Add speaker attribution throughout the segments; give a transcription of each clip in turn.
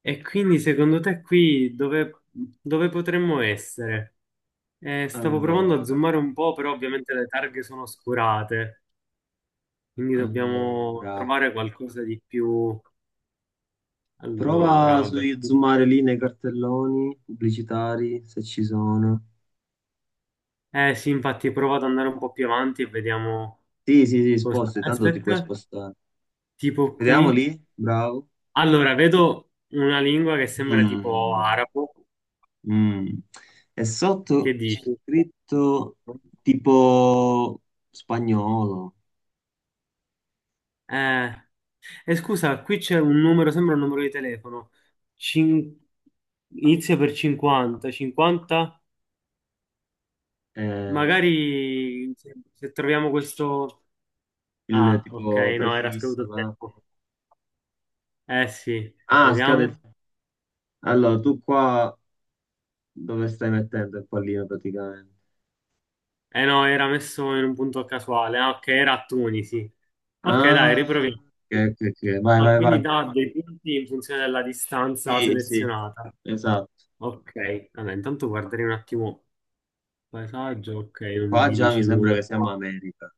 Speaker 1: E quindi secondo te qui dove potremmo essere? Stavo provando a
Speaker 2: Allora,
Speaker 1: zoomare un po', però ovviamente le targhe sono oscurate, quindi dobbiamo
Speaker 2: allora,
Speaker 1: trovare qualcosa di più. Allora,
Speaker 2: prova su
Speaker 1: vabbè.
Speaker 2: zoomare lì nei cartelloni pubblicitari se ci sono.
Speaker 1: Eh sì, infatti provo ad andare un po' più avanti e vediamo
Speaker 2: Sì, sì, sì,
Speaker 1: cosa.
Speaker 2: sposti, tanto ti puoi
Speaker 1: Aspetta,
Speaker 2: spostare.
Speaker 1: tipo qui.
Speaker 2: Vediamo lì, bravo.
Speaker 1: Allora, vedo una lingua che sembra tipo
Speaker 2: Mm,
Speaker 1: arabo.
Speaker 2: mm. E
Speaker 1: Che
Speaker 2: sotto c'è
Speaker 1: dici?
Speaker 2: scritto tipo spagnolo,
Speaker 1: Eh, E scusa, qui c'è un numero, sembra un numero di telefono. Cin- Inizia per 50, 50.
Speaker 2: eh,
Speaker 1: Magari se troviamo questo...
Speaker 2: il
Speaker 1: Ah, ok,
Speaker 2: tipo
Speaker 1: no, era scaduto
Speaker 2: prefisso,
Speaker 1: il
Speaker 2: là.
Speaker 1: tempo. Eh sì,
Speaker 2: Ah, scade.
Speaker 1: vediamo.
Speaker 2: Allora, tu qua dove stai mettendo il pallino praticamente?
Speaker 1: Eh no, era messo in un punto casuale. Ah, ok, era a Tunisi. Ok, dai,
Speaker 2: Ah,
Speaker 1: riproviamo.
Speaker 2: ok,
Speaker 1: Sì.
Speaker 2: ok, ok. Vai,
Speaker 1: Ah,
Speaker 2: vai,
Speaker 1: quindi
Speaker 2: vai.
Speaker 1: dà dei punti in funzione della distanza
Speaker 2: Sì, sì,
Speaker 1: selezionata.
Speaker 2: esatto.
Speaker 1: Ok, allora intanto guarderei un attimo il paesaggio. Ok, non
Speaker 2: Qua
Speaker 1: mi
Speaker 2: già mi
Speaker 1: dice
Speaker 2: sembra
Speaker 1: nulla.
Speaker 2: che siamo America,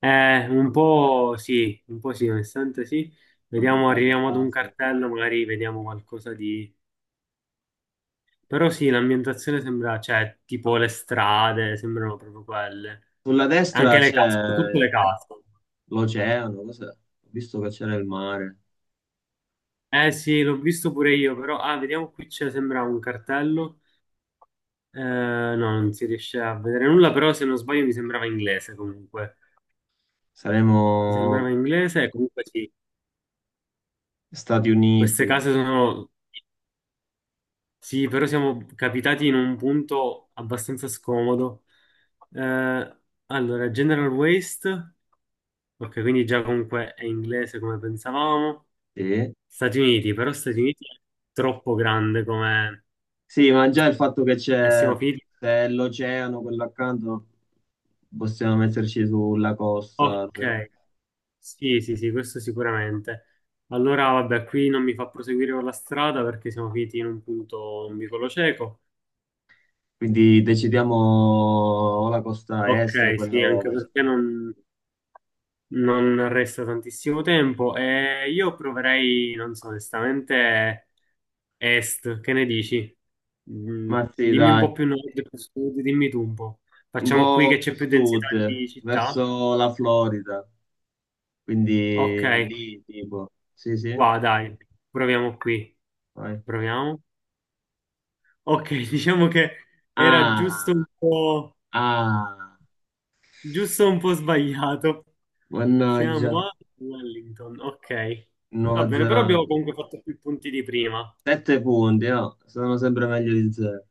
Speaker 1: Un po' sì, un po' sì, onestamente sì.
Speaker 2: mm,
Speaker 1: Vediamo,
Speaker 2: dalle
Speaker 1: arriviamo ad un
Speaker 2: case.
Speaker 1: cartello, magari vediamo qualcosa di... Però sì, l'ambientazione sembra, cioè, tipo le strade, sembrano proprio quelle.
Speaker 2: Sulla
Speaker 1: Anche
Speaker 2: destra
Speaker 1: le case, tutte
Speaker 2: c'è
Speaker 1: le case.
Speaker 2: l'oceano, cos'è? Ho visto che c'era il mare.
Speaker 1: Eh sì, l'ho visto pure io, però... Ah, vediamo qui c'è, sembra un cartello. No, non si riesce a vedere nulla, però se non sbaglio mi sembrava inglese comunque.
Speaker 2: Saremo
Speaker 1: Mi sembrava inglese e comunque sì,
Speaker 2: Stati
Speaker 1: queste
Speaker 2: Uniti,
Speaker 1: case sono Sì, però siamo capitati in un punto abbastanza scomodo. Eh, allora, General Waste, ok, quindi già comunque è inglese come pensavamo.
Speaker 2: sì.
Speaker 1: Stati Uniti, però Stati Uniti è troppo grande come...
Speaker 2: Sì, ma già il fatto che
Speaker 1: E
Speaker 2: c'è
Speaker 1: siamo finiti...
Speaker 2: c'è l'oceano, quello accanto, possiamo metterci sulla costa, cioè.
Speaker 1: Ok, sì, sì, sì, questo sicuramente. Allora, vabbè, qui non mi fa proseguire con la strada perché siamo finiti in un punto un vicolo cieco.
Speaker 2: Quindi decidiamo o la costa
Speaker 1: Ok,
Speaker 2: est o quella
Speaker 1: sì, anche
Speaker 2: ovest.
Speaker 1: perché non... Non resta tantissimo tempo e io proverei, non so, onestamente, est, che ne dici? Mm,
Speaker 2: Ma sì,
Speaker 1: Dimmi un
Speaker 2: dai,
Speaker 1: po' più nord, più sud, dimmi tu un po'.
Speaker 2: un
Speaker 1: Facciamo qui
Speaker 2: po'
Speaker 1: che
Speaker 2: più
Speaker 1: c'è più densità
Speaker 2: sud,
Speaker 1: di città?
Speaker 2: verso la Florida,
Speaker 1: Ok,
Speaker 2: quindi lì tipo, sì, sì,
Speaker 1: qua dai, proviamo qui.
Speaker 2: vai.
Speaker 1: Proviamo. Ok, diciamo che era
Speaker 2: Ah, ah,
Speaker 1: giusto un po' sbagliato.
Speaker 2: mannaggia,
Speaker 1: Siamo a Wellington, ok. Va
Speaker 2: Nuova
Speaker 1: bene, però abbiamo
Speaker 2: Zelanda.
Speaker 1: comunque fatto più punti di prima.
Speaker 2: Sette punti, no? Sono sempre meglio di zero.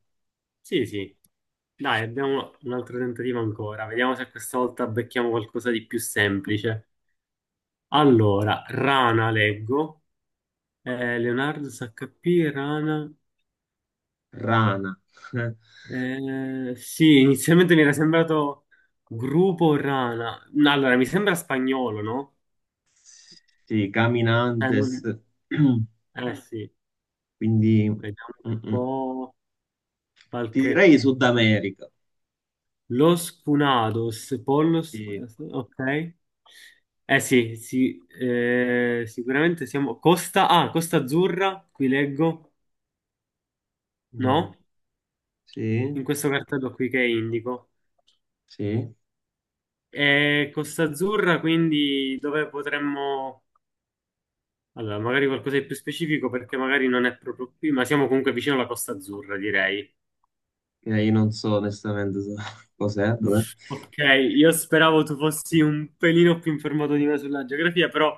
Speaker 1: Sì, sì. Dai, abbiamo un altro tentativo ancora. Vediamo se questa volta becchiamo qualcosa di più semplice. Allora, Rana leggo. Leonardo SHP, Rana.
Speaker 2: Rana,
Speaker 1: Sì, inizialmente mi era sembrato gruppo Rana. No, allora, mi sembra spagnolo, no?
Speaker 2: sì,
Speaker 1: Eh,
Speaker 2: Caminantes,
Speaker 1: non- sì,
Speaker 2: quindi mm,
Speaker 1: vediamo un
Speaker 2: mm.
Speaker 1: po'
Speaker 2: Ti
Speaker 1: qualche...
Speaker 2: direi Sud America,
Speaker 1: Los Funados, Pollos,
Speaker 2: sì,
Speaker 1: ok. Eh sì, sì, sicuramente siamo... Costa Azzurra, qui leggo,
Speaker 2: mm,
Speaker 1: no?
Speaker 2: sì,
Speaker 1: In questo cartello qui che indico.
Speaker 2: sì.
Speaker 1: E Costa Azzurra, quindi dove potremmo... Allora, magari qualcosa di più specifico perché magari non è proprio qui, ma siamo comunque vicino alla Costa Azzurra, direi.
Speaker 2: E io non so onestamente so cos'è, dov'è.
Speaker 1: Ok, io speravo tu fossi un pelino più informato di me sulla geografia, però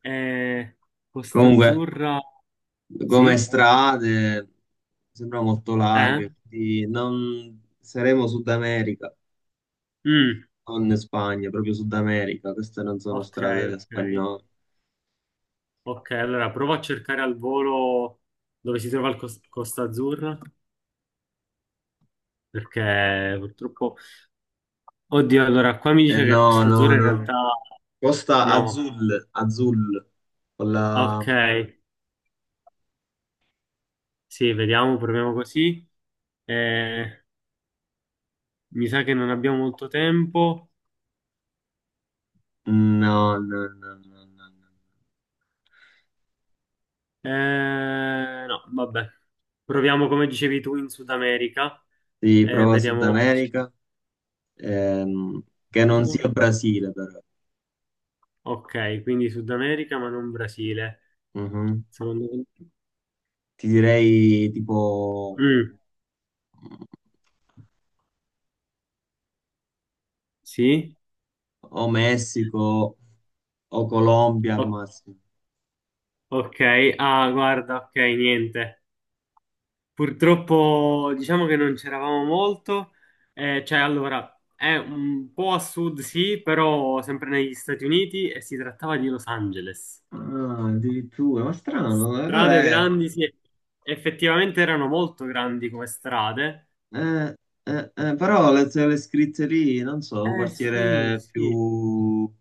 Speaker 1: eh, Costa
Speaker 2: Comunque,
Speaker 1: Azzurra...
Speaker 2: come
Speaker 1: Sì?
Speaker 2: strade, sembra molto
Speaker 1: Eh?
Speaker 2: larghe, quindi non saremo Sud America,
Speaker 1: Mm.
Speaker 2: non Spagna, proprio Sud America, queste non sono
Speaker 1: Ok,
Speaker 2: strade
Speaker 1: ok.
Speaker 2: spagnole.
Speaker 1: Ok, allora provo a cercare al volo dove si trova il Costa Azzurra, perché purtroppo... Oddio, allora qua mi
Speaker 2: Eh
Speaker 1: dice che
Speaker 2: no,
Speaker 1: Costa
Speaker 2: no,
Speaker 1: Azzurra in
Speaker 2: no.
Speaker 1: realtà...
Speaker 2: Costa
Speaker 1: No.
Speaker 2: Azul, Azul, con la...
Speaker 1: Ok, sì, vediamo, proviamo così. Eh, Mi sa che non abbiamo molto tempo.
Speaker 2: No, no, no, no, no, no.
Speaker 1: Eh, no, vabbè. Proviamo come dicevi tu in Sud America.
Speaker 2: Sì, prova Sud
Speaker 1: Vediamo.
Speaker 2: America, ehm, che non sia Brasile però.
Speaker 1: Ok, quindi Sud America ma non Brasile.
Speaker 2: Mhm.
Speaker 1: Sono andato-
Speaker 2: Ti direi tipo...
Speaker 1: Mm, sì?
Speaker 2: o Messico o Colombia al
Speaker 1: O-
Speaker 2: massimo.
Speaker 1: ok, ah, guarda, ok, niente. Purtroppo diciamo che non c'eravamo molto. Cioè, allora, è un po' a sud, sì, però sempre negli Stati Uniti e si trattava di Los Angeles.
Speaker 2: Ah, addirittura, ma strano, allora
Speaker 1: Strade
Speaker 2: è...
Speaker 1: grandi, sì, effettivamente erano molto grandi come strade.
Speaker 2: Eh, però le scritte lì, non so, un
Speaker 1: Eh sì,
Speaker 2: quartiere
Speaker 1: sì.
Speaker 2: più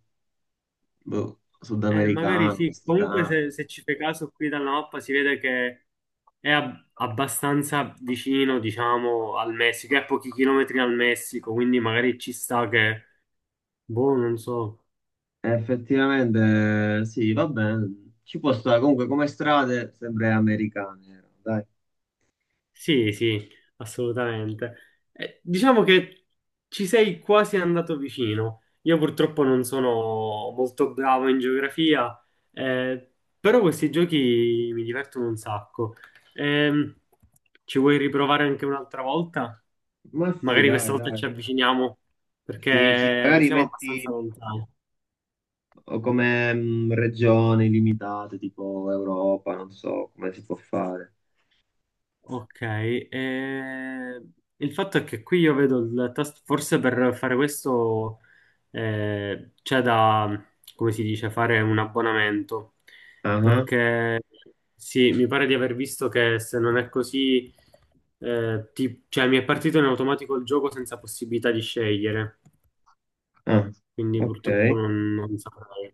Speaker 2: boh,
Speaker 1: Magari
Speaker 2: sudamericano,
Speaker 1: sì, comunque
Speaker 2: messicano.
Speaker 1: se ci fai caso qui dalla mappa si vede che è abbastanza vicino, diciamo, al Messico, è a pochi chilometri dal Messico, quindi magari ci sta che, boh, non so.
Speaker 2: Effettivamente, sì, va bene. Ci può stare, comunque come strade sempre americane, dai.
Speaker 1: Sì, sì, assolutamente. Diciamo che ci sei quasi andato vicino. Io purtroppo non sono molto bravo in geografia, eh, però questi giochi mi divertono un sacco. Ehm, Ci vuoi riprovare anche un'altra volta?
Speaker 2: Ma sì,
Speaker 1: Magari questa
Speaker 2: dai,
Speaker 1: volta
Speaker 2: dai.
Speaker 1: ci avviciniamo,
Speaker 2: Sì, sì,
Speaker 1: perché
Speaker 2: magari
Speaker 1: siamo abbastanza
Speaker 2: metti
Speaker 1: lontani.
Speaker 2: o come mm, regioni limitate, tipo Europa, non so come si può fare.
Speaker 1: Ok, il fatto è che qui io vedo il tasto, forse per fare questo c'è da, come si dice, fare un abbonamento,
Speaker 2: Ah,
Speaker 1: perché sì, mi pare di aver visto che se non è così, cioè mi è partito in automatico il gioco senza possibilità di scegliere,
Speaker 2: ah,
Speaker 1: quindi purtroppo
Speaker 2: ok,
Speaker 1: non saprei.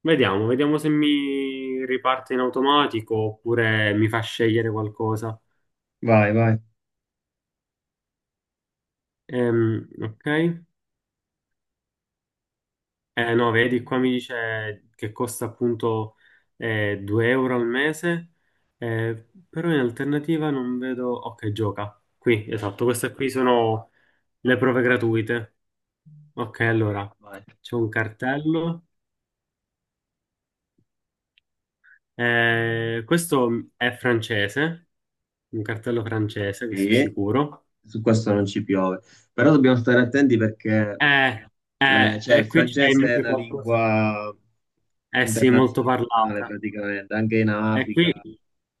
Speaker 1: Vediamo se mi riparte in automatico oppure mi fa scegliere qualcosa.
Speaker 2: vai, vai.
Speaker 1: Ok. No, vedi, qua mi dice che costa appunto 2 euro al mese, però in alternativa non vedo... Ok, gioca. Qui, esatto, queste qui sono le prove gratuite. Ok, allora,
Speaker 2: Vai.
Speaker 1: c'è un cartello. Questo è francese, un cartello francese, questo è
Speaker 2: Sì,
Speaker 1: sicuro.
Speaker 2: su questo non ci piove. Però dobbiamo stare attenti perché
Speaker 1: Eh,
Speaker 2: le-
Speaker 1: eh,
Speaker 2: cioè, il
Speaker 1: e qui c'è
Speaker 2: francese è
Speaker 1: invece
Speaker 2: una
Speaker 1: qualcosa.
Speaker 2: lingua
Speaker 1: Eh sì, molto
Speaker 2: internazionale
Speaker 1: parlata.
Speaker 2: praticamente, anche in
Speaker 1: E qui,
Speaker 2: Africa.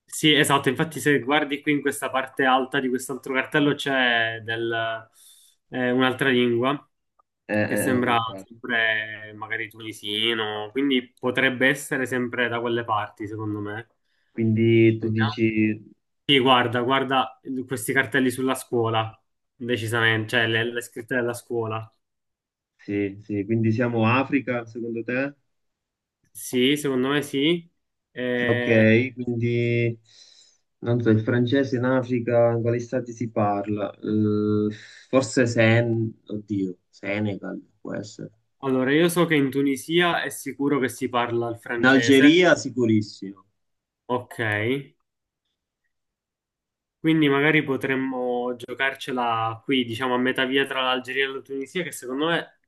Speaker 1: sì, esatto, infatti se guardi qui in questa parte alta di quest'altro cartello c'è un'altra lingua che sembra
Speaker 2: Eh,
Speaker 1: sempre magari tunisino, quindi potrebbe essere sempre da quelle parti, secondo me.
Speaker 2: quindi tu
Speaker 1: Vediamo.
Speaker 2: dici,
Speaker 1: Sì, guarda, guarda questi cartelli sulla scuola, decisamente, cioè le scritte della scuola.
Speaker 2: sì, sì, quindi siamo Africa secondo te?
Speaker 1: Sì, secondo me sì. Eh,
Speaker 2: Ok, quindi non so, il francese in Africa, in quali stati si parla? Forse Sen, oddio, Senegal può essere.
Speaker 1: allora, io so che in Tunisia è sicuro che si parla il
Speaker 2: In
Speaker 1: francese,
Speaker 2: Algeria sicurissimo.
Speaker 1: ok. Quindi magari potremmo giocarcela qui, diciamo a metà via tra l'Algeria e la Tunisia, che secondo me,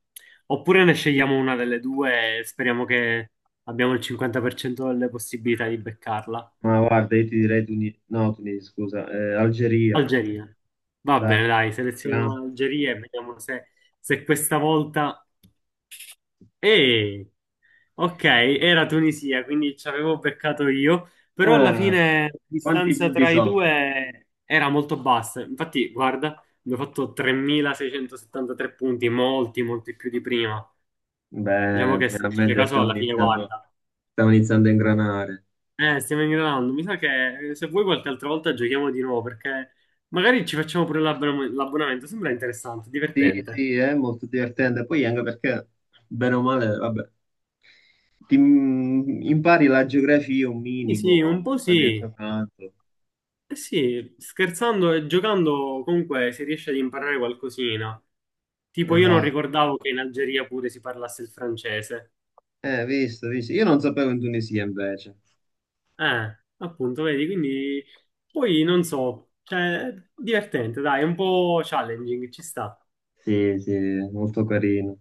Speaker 1: oppure ne scegliamo una delle due e speriamo che abbiamo il 50% delle possibilità di beccarla.
Speaker 2: Ma guarda, io ti direi Tunisi, no, Tunisi, scusa, Algeria.
Speaker 1: Algeria. Va
Speaker 2: Dai.
Speaker 1: bene, dai, selezioniamo
Speaker 2: Vediamo.
Speaker 1: l'Algeria e vediamo se, questa volta... Eh, ok, era Tunisia, quindi ci avevo beccato io, però alla
Speaker 2: Ah,
Speaker 1: fine la
Speaker 2: quanti
Speaker 1: distanza
Speaker 2: punti
Speaker 1: tra i
Speaker 2: sono?
Speaker 1: due era molto bassa. Infatti, guarda, abbiamo fatto 3.673 punti, molti, molti più di prima. Diciamo
Speaker 2: Bene,
Speaker 1: che se ci fai
Speaker 2: finalmente
Speaker 1: caso alla fine, guarda,
Speaker 2: stiamo iniziando a ingranare.
Speaker 1: stiamo ingranando. Mi sa che se vuoi qualche altra volta giochiamo di nuovo perché magari ci facciamo pure l'abbonamento. Sembra interessante,
Speaker 2: Sì,
Speaker 1: divertente.
Speaker 2: sì, è molto divertente. Poi anche perché, bene o male, vabbè, ti impari la geografia un
Speaker 1: Sì, sì, un
Speaker 2: minimo,
Speaker 1: po'
Speaker 2: anche
Speaker 1: sì.
Speaker 2: giocando.
Speaker 1: Eh sì, scherzando e giocando comunque si riesce ad imparare qualcosina. Tipo io non
Speaker 2: Esatto.
Speaker 1: ricordavo che in Algeria pure si parlasse il francese.
Speaker 2: Visto, visto. Io non sapevo in Tunisia invece.
Speaker 1: Appunto, vedi, quindi poi non so, cioè divertente, dai, è un po' challenging, ci sta.
Speaker 2: Sì, sì, molto carino.